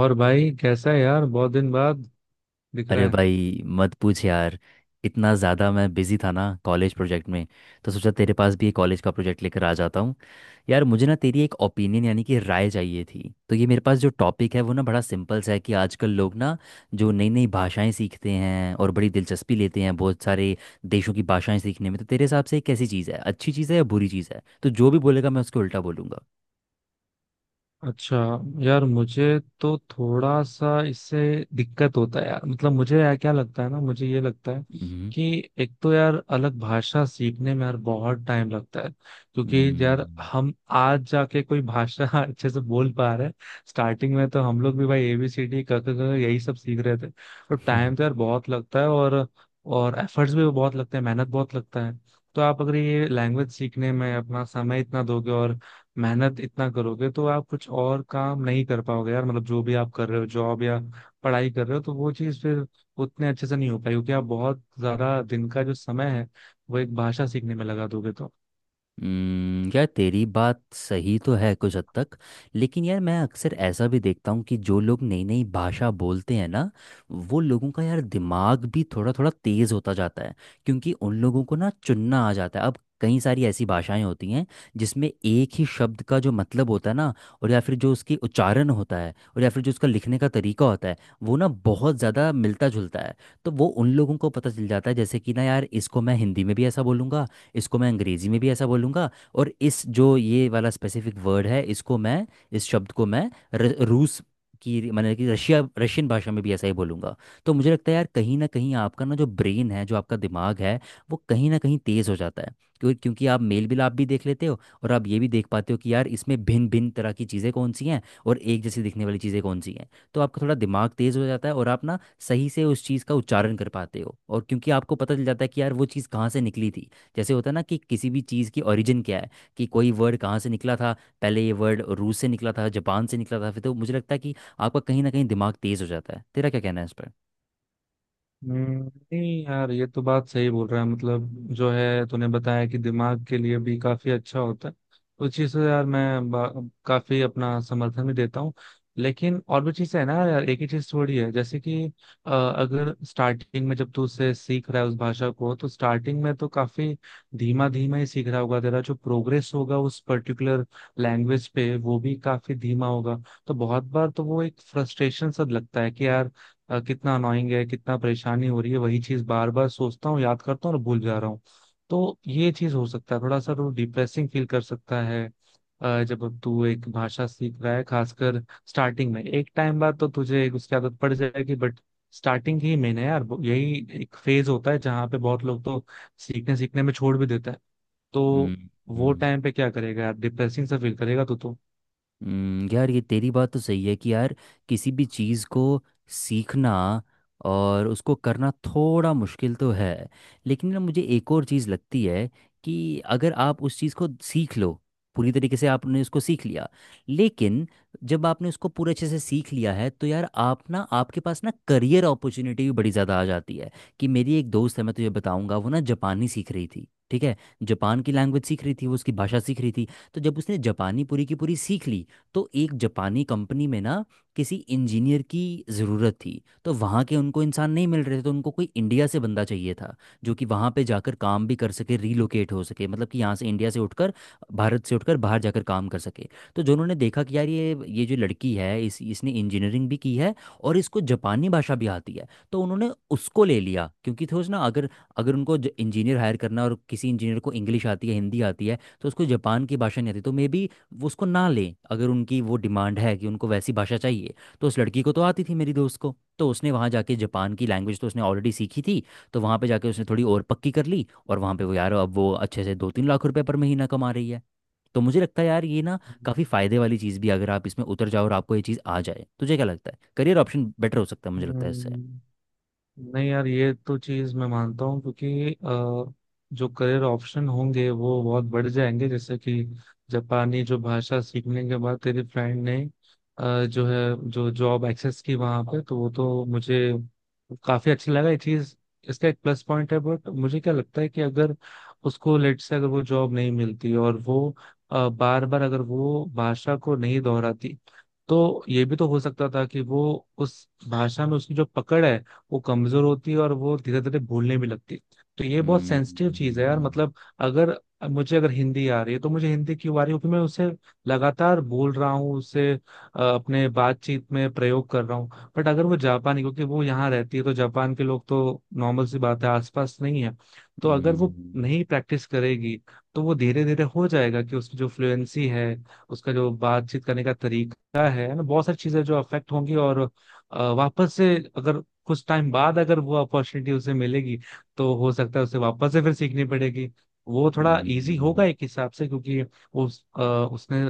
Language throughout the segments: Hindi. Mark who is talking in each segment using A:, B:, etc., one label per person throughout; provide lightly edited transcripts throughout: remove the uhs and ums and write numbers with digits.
A: और भाई कैसा है यार, बहुत दिन बाद दिख रहा
B: अरे
A: है।
B: भाई मत पूछ यार। इतना ज़्यादा मैं बिज़ी था ना कॉलेज प्रोजेक्ट में। तो सोचा तेरे पास भी एक कॉलेज का प्रोजेक्ट लेकर आ जाता हूँ। यार मुझे ना तेरी एक ओपिनियन यानी कि राय चाहिए थी। तो ये मेरे पास जो टॉपिक है वो ना बड़ा सिंपल सा है, कि आजकल लोग ना जो नई नई भाषाएं सीखते हैं और बड़ी दिलचस्पी लेते हैं बहुत सारे देशों की भाषाएं सीखने में, तो तेरे हिसाब से ये कैसी चीज़ है? अच्छी चीज़ है या बुरी चीज़ है? तो जो भी बोलेगा मैं उसको उल्टा बोलूँगा।
A: अच्छा, यार मुझे तो थोड़ा सा इससे दिक्कत होता है यार। मतलब मुझे, यार क्या लगता है ना, मुझे ये लगता है
B: हम्म।
A: कि एक तो यार अलग भाषा सीखने में यार बहुत टाइम लगता है, क्योंकि यार
B: हम्म।
A: हम आज जाके कोई भाषा अच्छे से बोल पा रहे हैं। स्टार्टिंग में तो हम लोग भी भाई एबीसीडी, क ख ग, यही सब सीख रहे थे। तो टाइम तो यार बहुत लगता है, और एफर्ट्स भी बहुत लगते हैं, मेहनत बहुत लगता है। तो आप अगर ये लैंग्वेज सीखने में अपना समय इतना दोगे और मेहनत इतना करोगे, तो आप कुछ और काम नहीं कर पाओगे यार। मतलब जो भी आप कर रहे हो, जॉब या पढ़ाई कर रहे हो, तो वो चीज़ फिर उतने अच्छे से नहीं हो पाएगी, क्योंकि आप बहुत ज्यादा दिन का जो समय है वो एक भाषा सीखने में लगा दोगे तो।
B: यार तेरी बात सही तो है कुछ हद तक। लेकिन यार मैं अक्सर ऐसा भी देखता हूँ कि जो लोग नई नई भाषा बोलते हैं ना, वो लोगों का यार दिमाग भी थोड़ा थोड़ा तेज़ होता जाता है। क्योंकि उन लोगों को ना चुनना आ जाता है। अब कई सारी ऐसी भाषाएं होती हैं जिसमें एक ही शब्द का जो मतलब होता है ना, और या फिर जो उसकी उच्चारण होता है, और या फिर जो उसका लिखने का तरीका होता है, वो ना बहुत ज़्यादा मिलता जुलता है। तो वो उन लोगों को पता चल जाता है, जैसे कि ना यार इसको मैं हिंदी में भी ऐसा बोलूँगा, इसको मैं अंग्रेजी में भी ऐसा बोलूँगा, और इस जो ये वाला स्पेसिफिक वर्ड है इसको मैं इस शब्द को मैं र, रूस की मैंने कि रशिया रशियन भाषा में भी ऐसा ही बोलूँगा। तो मुझे लगता है यार कहीं ना कहीं आपका ना जो ब्रेन है जो आपका दिमाग है वो कहीं ना कहीं तेज़ हो जाता है। क्योंकि क्योंकि आप मेल मिलाप भी देख लेते हो, और आप ये भी देख पाते हो कि यार इसमें भिन्न भिन्न तरह की चीज़ें कौन सी हैं और एक जैसी दिखने वाली चीज़ें कौन सी हैं। तो आपका थोड़ा दिमाग तेज़ हो जाता है और आप ना सही से उस चीज़ का उच्चारण कर पाते हो, और क्योंकि आपको पता चल जाता है कि यार वो चीज़ कहाँ से निकली थी। जैसे होता है ना कि किसी भी चीज़ की ओरिजिन क्या है, कि कोई वर्ड कहाँ से निकला था। पहले ये वर्ड रूस से निकला था, जापान से निकला था, फिर। तो मुझे लगता है कि आपका कहीं ना कहीं दिमाग तेज़ हो जाता है। तेरा क्या कहना है इस पर?
A: हम्म, नहीं यार, ये तो बात सही बोल रहा है। मतलब जो है, तूने बताया कि दिमाग के लिए भी काफी अच्छा होता है, तो उस चीज से यार मैं काफी अपना समर्थन भी देता हूँ। लेकिन और भी चीजें है ना यार, एक ही चीज थोड़ी है। जैसे कि अगर स्टार्टिंग में जब तू उसे सीख रहा है उस भाषा को, तो स्टार्टिंग में तो काफी धीमा धीमा ही सीख रहा होगा। तेरा जो प्रोग्रेस होगा उस पर्टिकुलर लैंग्वेज पे, वो भी काफी धीमा होगा। तो बहुत बार तो वो एक फ्रस्ट्रेशन सा लगता है कि यार कितना अनोइंग है, कितना परेशानी हो रही है, वही चीज बार बार सोचता हूँ, याद करता हूँ और भूल जा रहा हूँ। तो ये चीज हो सकता है थोड़ा सा तो डिप्रेसिंग फील कर सकता है। जब तू एक भाषा सीख रहा है, खासकर स्टार्टिंग में, एक टाइम बाद तो तुझे उसकी आदत पड़ जाएगी, बट स्टार्टिंग ही मेन है यार। यही एक फेज होता है जहाँ पे बहुत लोग तो सीखने सीखने में छोड़ भी देता है। तो वो
B: हम्म।
A: टाइम पे क्या करेगा यार, डिप्रेसिंग सा फील करेगा तू तो।
B: यार ये तेरी बात तो सही है कि यार किसी भी चीज़ को सीखना और उसको करना थोड़ा मुश्किल तो है। लेकिन ना मुझे एक और चीज़ लगती है, कि अगर आप उस चीज़ को सीख लो, पूरी तरीके से आपने उसको सीख लिया, लेकिन जब आपने उसको पूरे अच्छे से सीख लिया है तो यार आप ना आपके पास ना करियर अपॉर्चुनिटी भी बड़ी ज़्यादा आ जाती है। कि मेरी एक दोस्त है मैं तुझे बताऊंगा। वो ना जापानी सीख रही थी, ठीक है? जापान की लैंग्वेज सीख रही थी, वो उसकी भाषा सीख रही थी। तो जब उसने जापानी पूरी की पूरी सीख ली, तो एक जापानी कंपनी में ना किसी इंजीनियर की ज़रूरत थी। तो वहाँ के उनको इंसान नहीं मिल रहे थे, तो उनको कोई इंडिया से बंदा चाहिए था जो कि वहाँ पे जाकर काम भी कर सके, रीलोकेट हो सके, मतलब कि यहाँ से इंडिया से उठकर भारत से उठकर बाहर जाकर काम कर सके। तो जो उन्होंने देखा कि यार ये जो लड़की है इस इसने इंजीनियरिंग भी की है और इसको जापानी भाषा भी आती है, तो उन्होंने उसको ले लिया। क्योंकि थोड़ा ना अगर अगर उनको इंजीनियर हायर करना, और किसी इंजीनियर को इंग्लिश आती है हिंदी आती है तो उसको जापान की भाषा नहीं आती, तो मे बी वो उसको ना लें, अगर उनकी वो डिमांड है कि उनको वैसी भाषा चाहिए। तो उस लड़की को तो आती थी, मेरी दोस्त को। तो उसने वहाँ जाके जापान की लैंग्वेज तो उसने ऑलरेडी सीखी थी, तो वहाँ पे जाके उसने थोड़ी और पक्की कर ली। और वहाँ पे वो यार अब वो अच्छे से दो तीन लाख रुपए पर महीना कमा रही है। तो मुझे लगता है यार ये ना काफ़ी फ़ायदे वाली चीज़ भी, अगर आप इसमें उतर जाओ और आपको ये चीज़ आ जाए। तुझे क्या लगता है? करियर ऑप्शन बेटर हो सकता है मुझे लगता है इससे।
A: हम्म, नहीं यार, ये तो चीज मैं मानता हूँ, क्योंकि जो करियर ऑप्शन होंगे वो बहुत बढ़ जाएंगे। जैसे कि जापानी जो भाषा सीखने के बाद तेरी फ्रेंड ने जो है, जो जॉब एक्सेस की वहां पे, तो वो तो मुझे काफी अच्छा लगा ये चीज। इसका एक प्लस पॉइंट है, बट मुझे क्या लगता है कि अगर उसको लेट से अगर वो जॉब नहीं मिलती, और वो बार बार अगर वो भाषा को नहीं दोहराती, तो ये भी तो हो सकता था कि वो उस भाषा में उसकी जो पकड़ है वो कमजोर होती है, और वो धीरे धीरे भूलने भी लगती है। तो ये बहुत
B: हम्म।
A: सेंसिटिव चीज है यार।
B: हम्म।
A: मतलब अगर मुझे, अगर हिंदी आ रही है, तो मुझे हिंदी क्यों आ रही है? क्योंकि मैं उसे लगातार बोल रहा हूँ, उसे अपने बातचीत में प्रयोग कर रहा हूँ। बट अगर वो जापानी, क्योंकि वो यहाँ रहती है, तो जापान के लोग तो नॉर्मल सी बात है आसपास नहीं है। तो अगर वो
B: हम्म,
A: नहीं प्रैक्टिस करेगी, तो वो धीरे धीरे हो जाएगा कि उसकी जो फ्लुएंसी है, उसका जो बातचीत करने का तरीका है ना, बहुत सारी चीजें जो अफेक्ट होंगी। और वापस से, अगर कुछ टाइम बाद अगर वो अपॉर्चुनिटी उसे मिलेगी, तो हो सकता है उसे वापस से फिर सीखनी पड़ेगी। वो थोड़ा इजी होगा
B: हम्म,
A: एक हिसाब से, क्योंकि उसने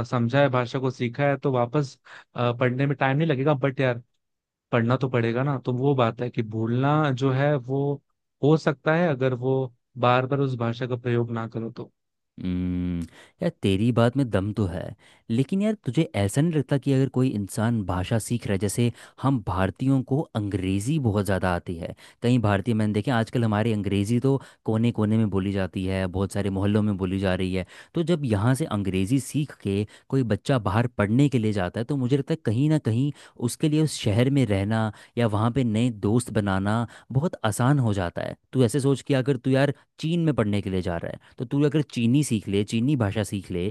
A: समझा है, भाषा को सीखा है, तो वापस पढ़ने में टाइम नहीं लगेगा। बट यार पढ़ना तो पड़ेगा ना। तो वो बात है कि भूलना जो है वो हो सकता है अगर वो बार बार उस भाषा का प्रयोग ना करो तो।
B: हम्म, यार तेरी बात में दम तो है। लेकिन यार तुझे ऐसा नहीं लगता कि अगर कोई इंसान भाषा सीख रहा है, जैसे हम भारतीयों को अंग्रेज़ी बहुत ज़्यादा आती है, कई भारतीय मैंने देखे आजकल। हमारी अंग्रेज़ी तो कोने कोने में बोली जाती है, बहुत सारे मोहल्लों में बोली जा रही है। तो जब यहाँ से अंग्रेज़ी सीख के कोई बच्चा बाहर पढ़ने के लिए जाता है, तो मुझे लगता है कहीं ना कहीं उसके लिए उस शहर में रहना या वहाँ पे नए दोस्त बनाना बहुत आसान हो जाता है। तू ऐसे सोच कि अगर तू यार चीन में पढ़ने के लिए जा रहा है, तो तू अगर चीनी सीख ले, चीनी भाषा सीख ले,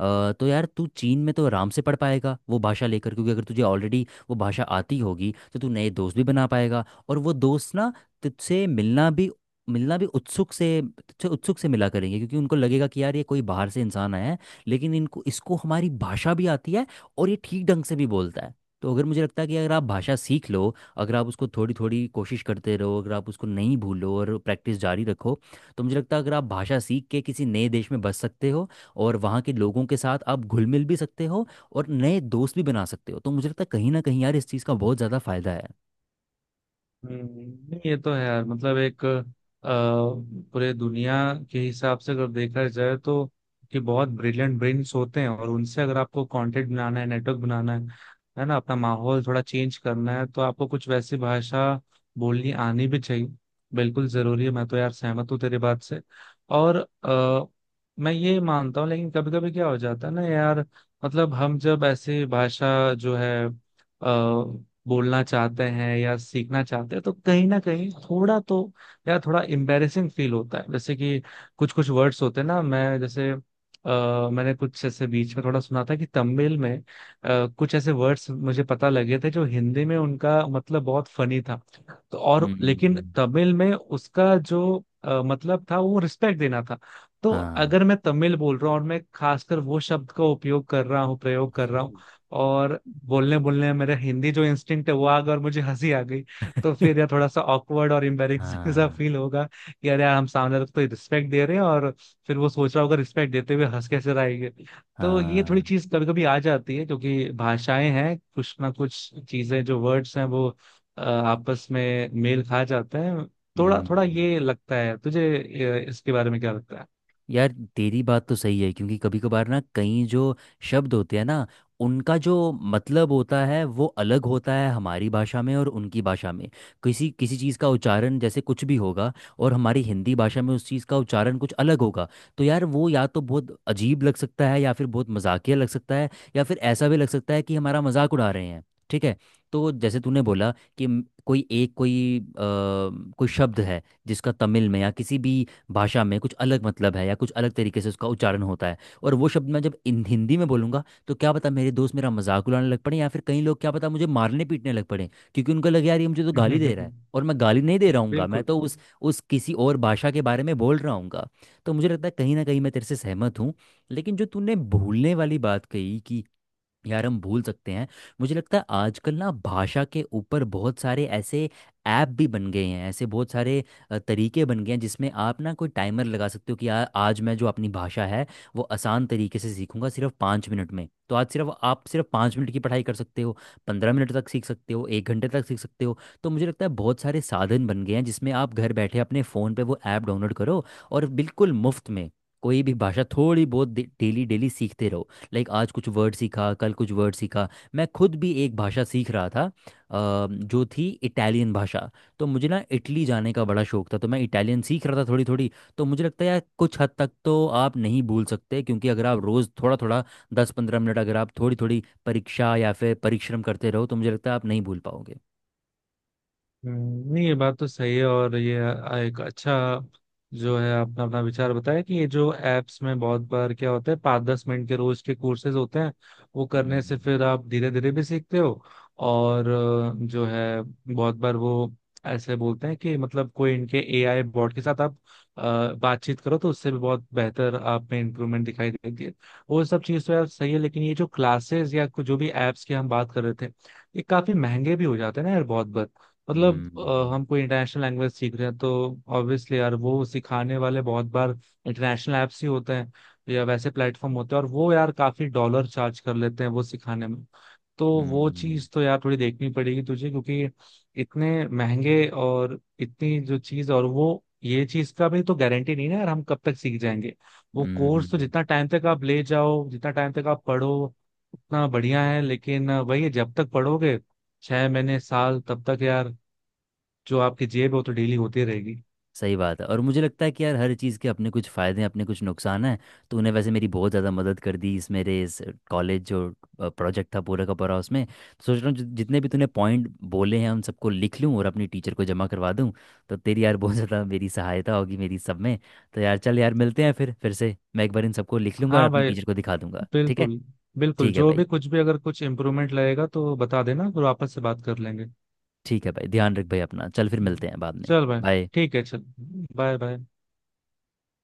B: तो यार तू चीन में तो आराम से पढ़ पाएगा वो भाषा लेकर, क्योंकि अगर तुझे ऑलरेडी वो भाषा आती होगी तो तू नए दोस्त भी बना पाएगा। और वो दोस्त ना तुझसे मिलना भी उत्सुक से मिला करेंगे, क्योंकि उनको लगेगा कि यार ये कोई बाहर से इंसान आया है, लेकिन इनको इसको हमारी भाषा भी आती है और ये ठीक ढंग से भी बोलता है। तो अगर मुझे लगता है कि अगर आप भाषा सीख लो, अगर आप उसको थोड़ी थोड़ी कोशिश करते रहो, अगर आप उसको नहीं भूलो और प्रैक्टिस जारी रखो, तो मुझे लगता है अगर आप भाषा सीख के किसी नए देश में बस सकते हो और वहाँ के लोगों के साथ आप घुल मिल भी सकते हो और नए दोस्त भी बना सकते हो, तो मुझे लगता है कहीं ना कहीं यार इस चीज़ का बहुत ज़्यादा फायदा है।
A: हम्म, नहीं ये तो है यार। मतलब एक पूरे दुनिया के हिसाब से अगर देखा जाए तो, कि बहुत ब्रिलियंट ब्रेन्स होते हैं, और उनसे अगर आपको कंटेंट बनाना है, नेटवर्क बनाना है ना, अपना माहौल थोड़ा चेंज करना है, तो आपको कुछ वैसी भाषा बोलनी आनी भी चाहिए, बिल्कुल जरूरी है। मैं तो यार सहमत हूँ तेरी बात से। और अ, मैं ये मानता हूँ, लेकिन कभी कभी क्या हो जाता है ना यार, मतलब हम जब ऐसे भाषा जो है बोलना चाहते हैं या सीखना चाहते हैं, तो कहीं ना कहीं थोड़ा तो, या थोड़ा एम्बेरेसिंग फील होता है। जैसे कि कुछ कुछ वर्ड्स होते हैं ना, मैं जैसे, मैंने कुछ ऐसे बीच में थोड़ा सुना था कि तमिल में कुछ ऐसे वर्ड्स मुझे पता लगे थे जो हिंदी में उनका मतलब बहुत फनी था। तो और लेकिन
B: हम्म।
A: तमिल में उसका जो मतलब था वो रिस्पेक्ट देना था। तो
B: हाँ।
A: अगर मैं तमिल बोल रहा हूँ, और मैं खासकर वो शब्द का उपयोग कर रहा हूँ, प्रयोग कर रहा हूँ, और बोलने बोलने में मेरा हिंदी जो इंस्टिंक्ट है वो आ गया, और मुझे हंसी आ गई, तो फिर यार थोड़ा सा ऑकवर्ड और एम्बेरेसिंग सा
B: हाँ।
A: फील होगा कि यार यार हम सामने वाले को तो रिस्पेक्ट दे रहे हैं, और फिर वो सोच रहा होगा रिस्पेक्ट देते हुए हंस कैसे रहा है ये। तो ये थोड़ी
B: हाँ।
A: चीज कभी कभी आ जाती है, क्योंकि भाषाएं हैं, कुछ ना कुछ चीजें जो वर्ड्स हैं वो आपस में मेल खा जाते हैं। थोड़ा थोड़ा
B: हम्म
A: ये लगता है तुझे इसके बारे में क्या लगता है?
B: यार तेरी बात तो सही है, क्योंकि कभी कभार ना कई जो शब्द होते हैं ना, उनका जो मतलब होता है वो अलग होता है हमारी भाषा में और उनकी भाषा में। किसी किसी चीज़ का उच्चारण जैसे कुछ भी होगा, और हमारी हिंदी भाषा में उस चीज़ का उच्चारण कुछ अलग होगा। तो यार वो या तो बहुत अजीब लग सकता है, या फिर बहुत मजाकिया लग सकता है, या फिर ऐसा भी लग सकता है कि हमारा मजाक उड़ा रहे हैं, ठीक है? तो जैसे तूने बोला कि म- कोई एक कोई अ, कोई शब्द है जिसका तमिल में या किसी भी भाषा में कुछ अलग मतलब है, या कुछ अलग तरीके से उसका उच्चारण होता है। और वो शब्द मैं जब इन हिंदी में बोलूंगा, तो क्या पता मेरे दोस्त मेरा मजाक उड़ाने लग पड़े, या फिर कई लोग क्या पता मुझे मारने पीटने लग पड़े, क्योंकि उनको लगे यार ये मुझे तो गाली दे रहा है, और मैं गाली नहीं दे रहा हूँ, मैं
A: बिल्कुल।
B: तो उस किसी और भाषा के बारे में बोल रहा हूँ। तो मुझे लगता है कहीं ना कहीं मैं तेरे से सहमत हूँ। लेकिन जो तूने भूलने वाली बात कही कि यार हम भूल सकते हैं, मुझे लगता है आजकल ना भाषा के ऊपर बहुत सारे ऐसे ऐप भी बन गए हैं, ऐसे बहुत सारे तरीके बन गए हैं जिसमें आप ना कोई टाइमर लगा सकते हो कि यार आज मैं जो अपनी भाषा है वो आसान तरीके से सीखूंगा सिर्फ 5 मिनट में। तो आज सिर्फ आप सिर्फ 5 मिनट की पढ़ाई कर सकते हो, 15 मिनट तक सीख सकते हो, एक घंटे तक सीख सकते हो। तो मुझे लगता है बहुत सारे साधन बन गए हैं जिसमें आप घर बैठे अपने फ़ोन पे वो ऐप डाउनलोड करो, और बिल्कुल मुफ्त में कोई भी भाषा थोड़ी बहुत डेली डेली सीखते रहो। लाइक आज कुछ वर्ड सीखा, कल कुछ वर्ड सीखा। मैं खुद भी एक भाषा सीख रहा था, जो थी इटालियन भाषा। तो मुझे ना इटली जाने का बड़ा शौक था, तो मैं इटालियन सीख रहा था थोड़ी थोड़ी। तो मुझे लगता है यार कुछ हद तक तो आप नहीं भूल सकते, क्योंकि अगर आप रोज़ थोड़ा थोड़ा दस पंद्रह मिनट अगर आप थोड़ी थोड़ी परीक्षा या फिर परिश्रम करते रहो, तो मुझे लगता है आप नहीं भूल पाओगे।
A: नहीं ये बात तो सही है। और ये एक अच्छा जो है आपने अपना विचार बताया, कि ये जो एप्स में बहुत बार क्या होता है, 5-10 मिनट के रोज के कोर्सेज होते हैं, वो करने से
B: हम्म।
A: फिर आप धीरे धीरे भी सीखते हो। और जो है, बहुत बार वो ऐसे बोलते हैं कि मतलब कोई इनके एआई बॉट के साथ आप अ, बातचीत करो, तो उससे भी बहुत बेहतर आप में इम्प्रूवमेंट दिखाई देती है। वो सब चीज़ तो यार सही है, लेकिन ये जो क्लासेस या जो भी एप्स की हम बात कर रहे थे, ये काफी महंगे भी हो जाते हैं ना यार बहुत बार। मतलब
B: हम्म। हम्म।
A: हम कोई इंटरनेशनल लैंग्वेज सीख रहे हैं, तो ऑब्वियसली यार वो सिखाने वाले बहुत बार इंटरनेशनल ऐप्स ही होते हैं, या वैसे प्लेटफॉर्म होते हैं, और वो यार काफी डॉलर चार्ज कर लेते हैं वो सिखाने में। तो वो
B: हम्म,
A: चीज तो यार थोड़ी देखनी पड़ेगी तुझे, क्योंकि इतने महंगे, और इतनी जो चीज, और वो ये चीज का भी तो गारंटी नहीं ना यार हम कब तक सीख जाएंगे। वो
B: हम्म,
A: कोर्स तो
B: हम्म।
A: जितना टाइम तक आप ले जाओ, जितना टाइम तक आप पढ़ो, उतना बढ़िया है। लेकिन वही है, जब तक पढ़ोगे, 6 महीने, साल, तब तक यार जो आपकी जेब है वो तो डेली होती रहेगी।
B: सही बात है, और मुझे लगता है कि यार हर चीज़ के अपने कुछ फ़ायदे हैं अपने कुछ नुकसान हैं। तो उन्हें वैसे मेरी बहुत ज़्यादा मदद कर दी इस मेरे इस कॉलेज जो प्रोजेक्ट था पूरा का पूरा उसमें। तो सोच रहा हूँ जितने भी तूने पॉइंट बोले हैं उन सबको लिख लूँ और अपनी टीचर को जमा करवा दूँ। तो तेरी यार बहुत ज़्यादा मेरी सहायता होगी मेरी सब में। तो यार चल यार मिलते हैं फिर से। मैं एक बार इन सबको लिख लूँगा और
A: हाँ
B: अपनी
A: भाई,
B: टीचर को दिखा दूंगा, ठीक है?
A: बिल्कुल। बिल्कुल,
B: ठीक है
A: जो
B: भाई।
A: भी कुछ भी, अगर कुछ इम्प्रूवमेंट लगेगा तो बता देना, फिर वापस से बात कर लेंगे।
B: ठीक है भाई, ध्यान रख भाई अपना। चल फिर मिलते हैं बाद में।
A: चल भाई।
B: बाय।
A: ठीक है, चल। Bye bye.